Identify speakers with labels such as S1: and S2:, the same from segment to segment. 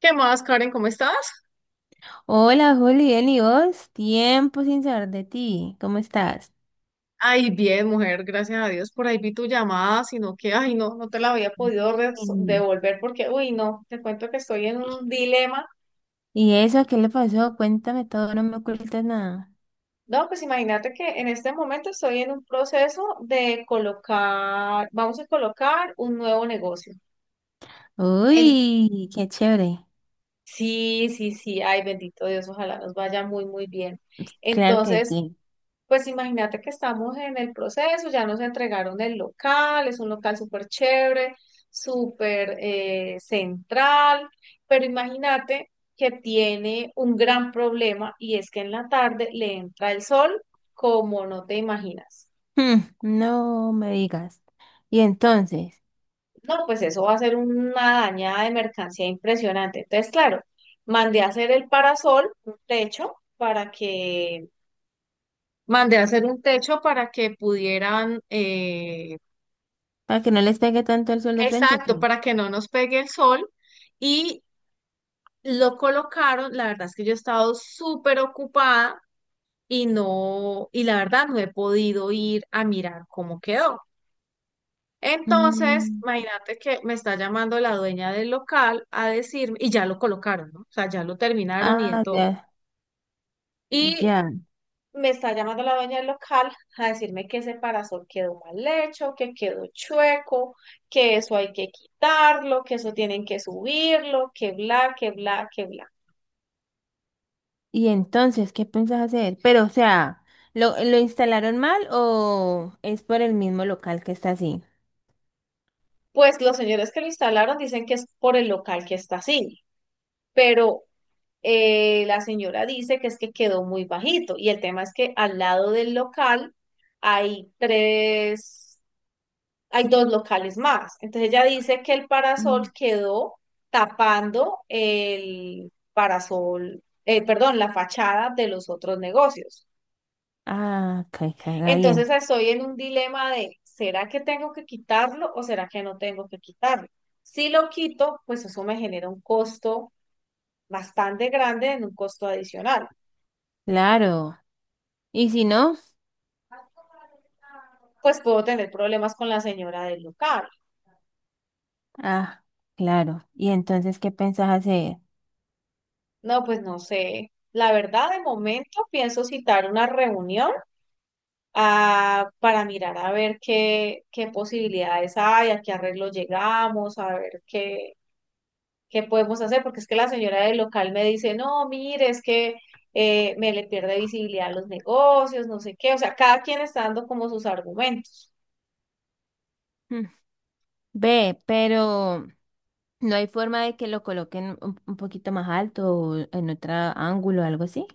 S1: ¿Qué más, Karen? ¿Cómo estás?
S2: Hola, Juli, bien, ¿y vos? Tiempo sin saber de ti. ¿Cómo estás?
S1: Ay, bien, mujer, gracias a Dios. Por ahí vi tu llamada, sino que, ay, no, no te la había podido
S2: Bien.
S1: devolver porque, uy, no, te cuento que estoy en un dilema.
S2: ¿Y eso? ¿Qué le pasó? Cuéntame todo, no me ocultes nada.
S1: No, pues imagínate que en este momento estoy en un proceso de colocar, vamos a colocar un nuevo negocio. En,
S2: Uy, qué chévere.
S1: sí, sí, sí, ay, bendito Dios, ojalá nos vaya muy, muy bien.
S2: Claro que
S1: Entonces,
S2: sí.
S1: pues imagínate que estamos en el proceso, ya nos entregaron el local, es un local súper chévere, súper central, pero imagínate que tiene un gran problema y es que en la tarde le entra el sol como no te imaginas.
S2: Hmm, no me digas. Y entonces,
S1: No, pues eso va a ser una dañada de mercancía impresionante. Entonces, claro, mandé a hacer el parasol, un techo, para que, mandé a hacer un techo para que pudieran
S2: ¿para que no les pegue tanto el sol de frente, o qué?
S1: exacto, para que no nos pegue el sol. Y lo colocaron, la verdad es que yo he estado súper ocupada y no, y la verdad no he podido ir a mirar cómo quedó. Entonces,
S2: Mm,
S1: imagínate que me está llamando la dueña del local a decirme, y ya lo colocaron, ¿no? O sea, ya lo terminaron y de
S2: ah, ya,
S1: todo. Y
S2: ya.
S1: me está llamando la dueña del local a decirme que ese parasol quedó mal hecho, que quedó chueco, que eso hay que quitarlo, que eso tienen que subirlo, que bla, que bla, que bla.
S2: ¿Y entonces qué piensas hacer? Pero, o sea, ¿lo instalaron mal o es por el mismo local que está así?
S1: Pues los señores que lo instalaron dicen que es por el local que está así, pero la señora dice que es que quedó muy bajito y el tema es que al lado del local hay tres hay dos locales más. Entonces ella dice que el parasol quedó tapando el parasol, perdón, la fachada de los otros negocios.
S2: Ah, caiga
S1: Entonces
S2: bien.
S1: estoy en un dilema de, ¿será que tengo que quitarlo o será que no tengo que quitarlo? Si lo quito, pues eso me genera un costo bastante grande, en un costo adicional.
S2: Claro. Y si no.
S1: Pues puedo tener problemas con la señora del local.
S2: Ah, claro. ¿Y entonces qué pensás hacer?
S1: No, pues no sé. La verdad, de momento pienso citar una reunión para mirar a ver qué, qué posibilidades hay, a qué arreglo llegamos, a ver qué, qué podemos hacer, porque es que la señora del local me dice, no, mire, es que me le pierde visibilidad a los negocios, no sé qué, o sea, cada quien está dando como sus argumentos.
S2: Mm, ve, pero no hay forma de que lo coloquen un poquito más alto o en otro ángulo o algo así.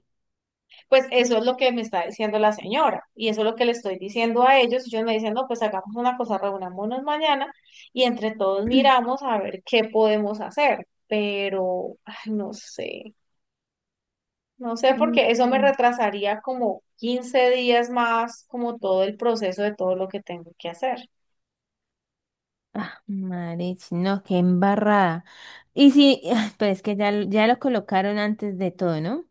S1: Pues eso es lo que me está diciendo la señora y eso es lo que le estoy diciendo a ellos. Ellos me dicen, no, pues hagamos una cosa, reunámonos mañana y entre todos miramos a ver qué podemos hacer, pero ay, no sé. No sé,
S2: Mm,
S1: porque eso me
S2: mm.
S1: retrasaría como 15 días más, como todo el proceso de todo lo que tengo que hacer.
S2: Ah, marich, no, qué embarrada. Y si, pero es que ya, ya lo colocaron antes de todo, ¿no?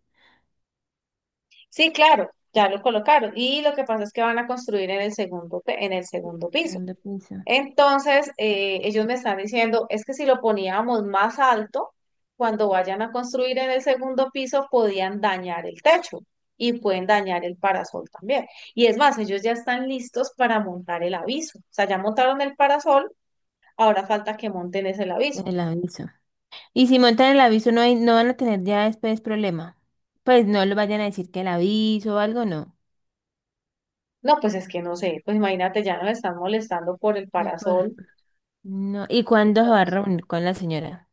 S1: Sí, claro, ya lo colocaron. Y lo que pasa es que van a construir en el segundo, en el segundo piso.
S2: Segundo piso.
S1: Entonces, ellos me están diciendo, es que si lo poníamos más alto, cuando vayan a construir en el segundo piso, podían dañar el techo y pueden dañar el parasol también. Y es más, ellos ya están listos para montar el aviso. O sea, ya montaron el parasol, ahora falta que monten ese aviso.
S2: El aviso. Y si montan el aviso, no hay, no van a tener ya después problema. Pues no lo vayan a decir que el aviso o algo, no.
S1: No, pues es que no sé, pues imagínate, ya nos están molestando por el
S2: No, por-
S1: parasol.
S2: No. ¿Y cuándo se va a reunir con la señora?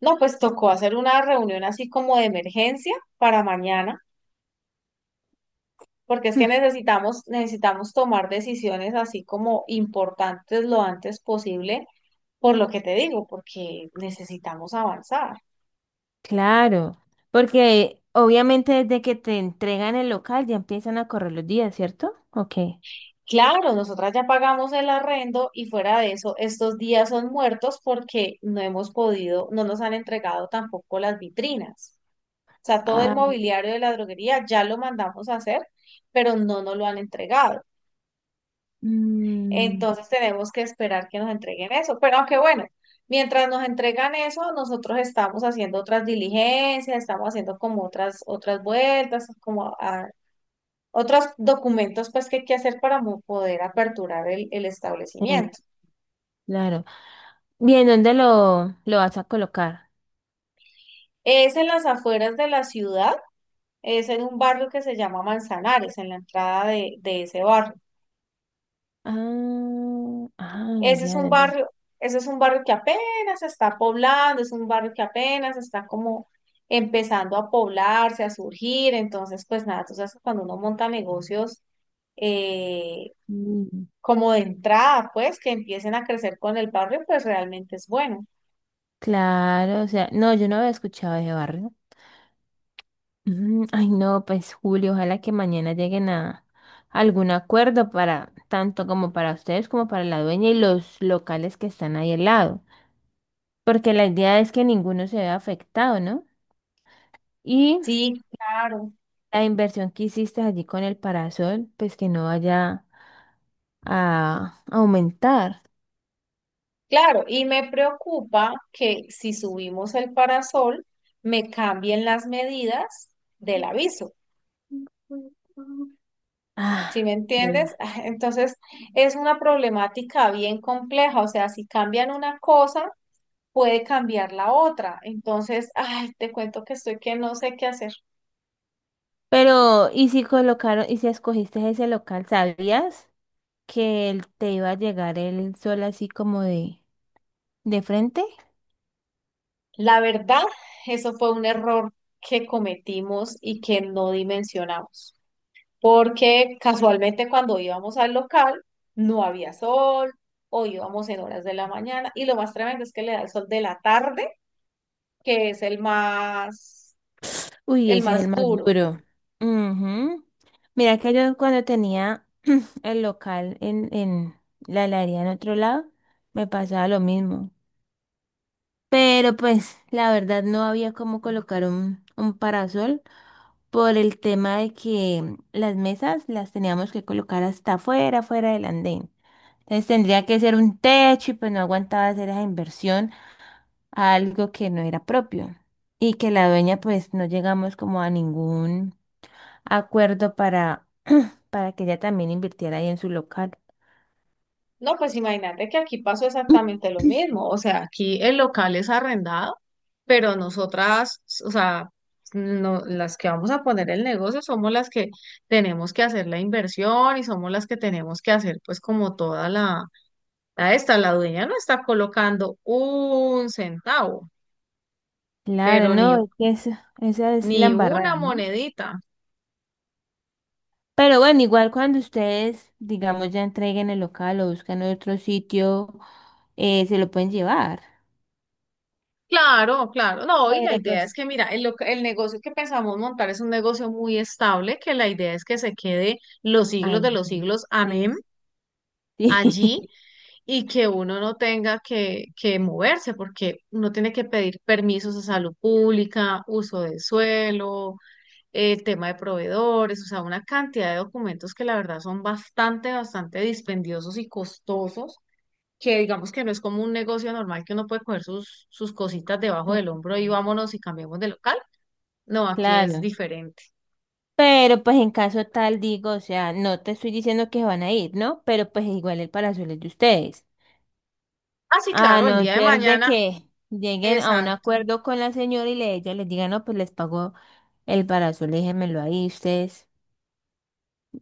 S1: No, pues tocó hacer una reunión así como de emergencia para mañana, porque es que necesitamos, necesitamos tomar decisiones así como importantes lo antes posible, por lo que te digo, porque necesitamos avanzar.
S2: Claro, porque obviamente desde que te entregan el local ya empiezan a correr los días, ¿cierto? Ok.
S1: Claro, nosotras ya pagamos el arrendo y fuera de eso, estos días son muertos porque no hemos podido, no nos han entregado tampoco las vitrinas. O sea, todo el
S2: Ah.
S1: mobiliario de la droguería ya lo mandamos a hacer, pero no nos lo han entregado.
S2: Mm.
S1: Entonces tenemos que esperar que nos entreguen eso. Pero aunque bueno, mientras nos entregan eso, nosotros estamos haciendo otras diligencias, estamos haciendo como otras, otras vueltas, como otros documentos pues que hay que hacer para poder aperturar el
S2: eh,
S1: establecimiento.
S2: claro. Bien, ¿dónde lo vas a colocar?
S1: Es en las afueras de la ciudad, es en un barrio que se llama Manzanares, en la entrada de ese barrio.
S2: Ah, ah,
S1: Ese es
S2: ya,
S1: un
S2: ya, ya.
S1: barrio, ese es un barrio que apenas se está poblando, es un barrio que apenas está como empezando a poblarse, a surgir. Entonces, pues nada, tú sabes que cuando uno monta negocios eh,
S2: Mm.
S1: como de entrada, pues que empiecen a crecer con el barrio, pues realmente es bueno.
S2: Claro, o sea, no, yo no había escuchado ese barrio. Mm, ay, no, pues Julio, ojalá que mañana lleguen a algún acuerdo para tanto como para ustedes como para la dueña y los locales que están ahí al lado, porque la idea es que ninguno se vea afectado, ¿no? Y
S1: Sí, claro,
S2: la inversión que hiciste allí con el parasol, pues que no vaya a aumentar.
S1: claro. Y me preocupa que si subimos el parasol, me cambien las medidas del aviso. ¿Sí me
S2: Ah, claro.
S1: entiendes? Entonces, es una problemática bien compleja, o sea, si cambian una cosa, puede cambiar la otra. Entonces, ay, te cuento que estoy que no sé qué hacer.
S2: Pero, ¿y si colocaron, y si escogiste ese local, sabías que te iba a llegar el sol así como de... ¿De frente?
S1: La verdad, eso fue un error que cometimos y que no dimensionamos, porque casualmente cuando íbamos al local, no había sol o íbamos en horas de la mañana y lo más tremendo es que le da el sol de la tarde, que es
S2: Uy,
S1: el
S2: ese es el
S1: más
S2: más
S1: duro.
S2: duro. Ujú. Mira que yo cuando tenía el local en la heladería en otro lado, me pasaba lo mismo. Pero pues la verdad no había cómo colocar un parasol por el tema de que las mesas las teníamos que colocar hasta afuera, afuera del andén. Entonces tendría que ser un techo y pues no aguantaba hacer esa inversión a algo que no era propio. Y que la dueña pues no llegamos como a ningún acuerdo para que ella también invirtiera ahí en su local.
S1: No, pues imagínate que aquí pasó exactamente lo mismo. O sea, aquí el local es arrendado, pero nosotras, o sea, no, las que vamos a poner el negocio somos las que tenemos que hacer la inversión y somos las que tenemos que hacer, pues, como toda la, la esta, la dueña no está colocando un centavo,
S2: Claro,
S1: pero ni,
S2: no, es que esa es
S1: ni
S2: la embarrada,
S1: una
S2: ¿no?
S1: monedita.
S2: Pero bueno, igual cuando ustedes, digamos, ya entreguen el local o buscan otro sitio, se lo pueden llevar.
S1: Claro, claro. No, y la
S2: Pero
S1: idea es
S2: pues,
S1: que, mira, el, el negocio que pensamos montar es un negocio muy estable, que la idea es que se quede los siglos
S2: ay,
S1: de los
S2: no,
S1: siglos, amén,
S2: sí,
S1: allí, y que uno no tenga que moverse, porque uno tiene que pedir permisos a salud pública, uso de suelo, el tema de proveedores, o sea, una cantidad de documentos que la verdad son bastante, bastante dispendiosos y costosos que digamos que no es como un negocio normal que uno puede coger sus, sus cositas debajo del hombro y
S2: sí,
S1: vámonos y cambiamos de local. No, aquí es
S2: claro.
S1: diferente.
S2: Pero pues en caso tal, digo, o sea, no te estoy diciendo que van a ir, ¿no? Pero pues igual el parasol es de ustedes.
S1: Ah, sí,
S2: A
S1: claro, el
S2: no
S1: día de
S2: ser de
S1: mañana.
S2: que lleguen a un
S1: Exacto,
S2: acuerdo con la señora y le, ella les diga, no, pues les pago el parasol, déjenmelo ahí ustedes.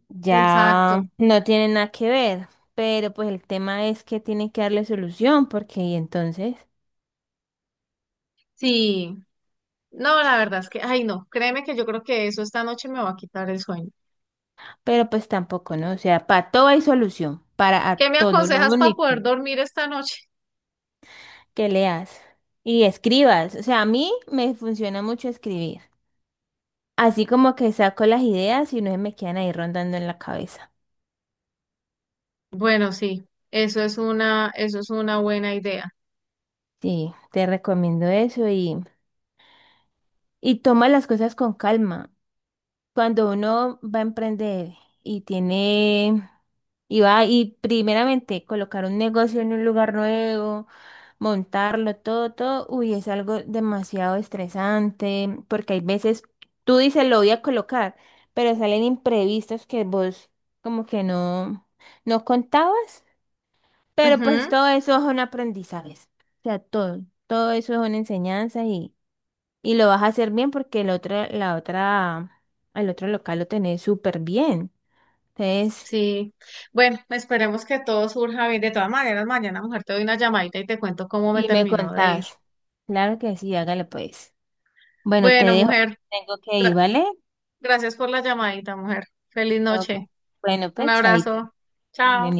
S2: Ya
S1: exacto.
S2: no tienen nada que ver, pero pues el tema es que tienen que darle solución, porque y entonces,
S1: Sí, no, la verdad es que, ay, no, créeme que yo creo que eso esta noche me va a quitar el sueño.
S2: pero pues tampoco, ¿no? O sea, para todo hay solución, para a
S1: ¿Qué me
S2: todo, lo
S1: aconsejas para
S2: único
S1: poder dormir esta noche?
S2: que leas y escribas. O sea, a mí me funciona mucho escribir, así como que saco las ideas y no se me quedan ahí rondando en la cabeza.
S1: Bueno, sí, eso es una buena idea.
S2: Sí, te recomiendo eso y toma las cosas con calma. Cuando uno va a emprender y tiene, y va y primeramente colocar un negocio en un lugar nuevo, montarlo, todo, todo, uy, es algo demasiado estresante, porque hay veces tú dices lo voy a colocar, pero salen imprevistos que vos como que no, no contabas, pero pues
S1: Ujú,
S2: todo eso es un aprendizaje, o sea, todo, todo eso es una enseñanza y... Y lo vas a hacer bien porque el otro local lo tenés súper bien. Entonces,
S1: sí. Bueno, esperemos que todo surja bien. De todas maneras, mañana, mujer, te doy una llamadita y te cuento cómo me
S2: y me
S1: terminó de ir.
S2: contás. Claro que sí, hágale pues. Bueno, te
S1: Bueno,
S2: dejo.
S1: mujer,
S2: Tengo que ir,
S1: gra-
S2: ¿vale?
S1: gracias por la llamadita, mujer. Feliz
S2: Ok.
S1: noche.
S2: Bueno,
S1: Un
S2: pues, chaito.
S1: abrazo.
S2: De
S1: Chao.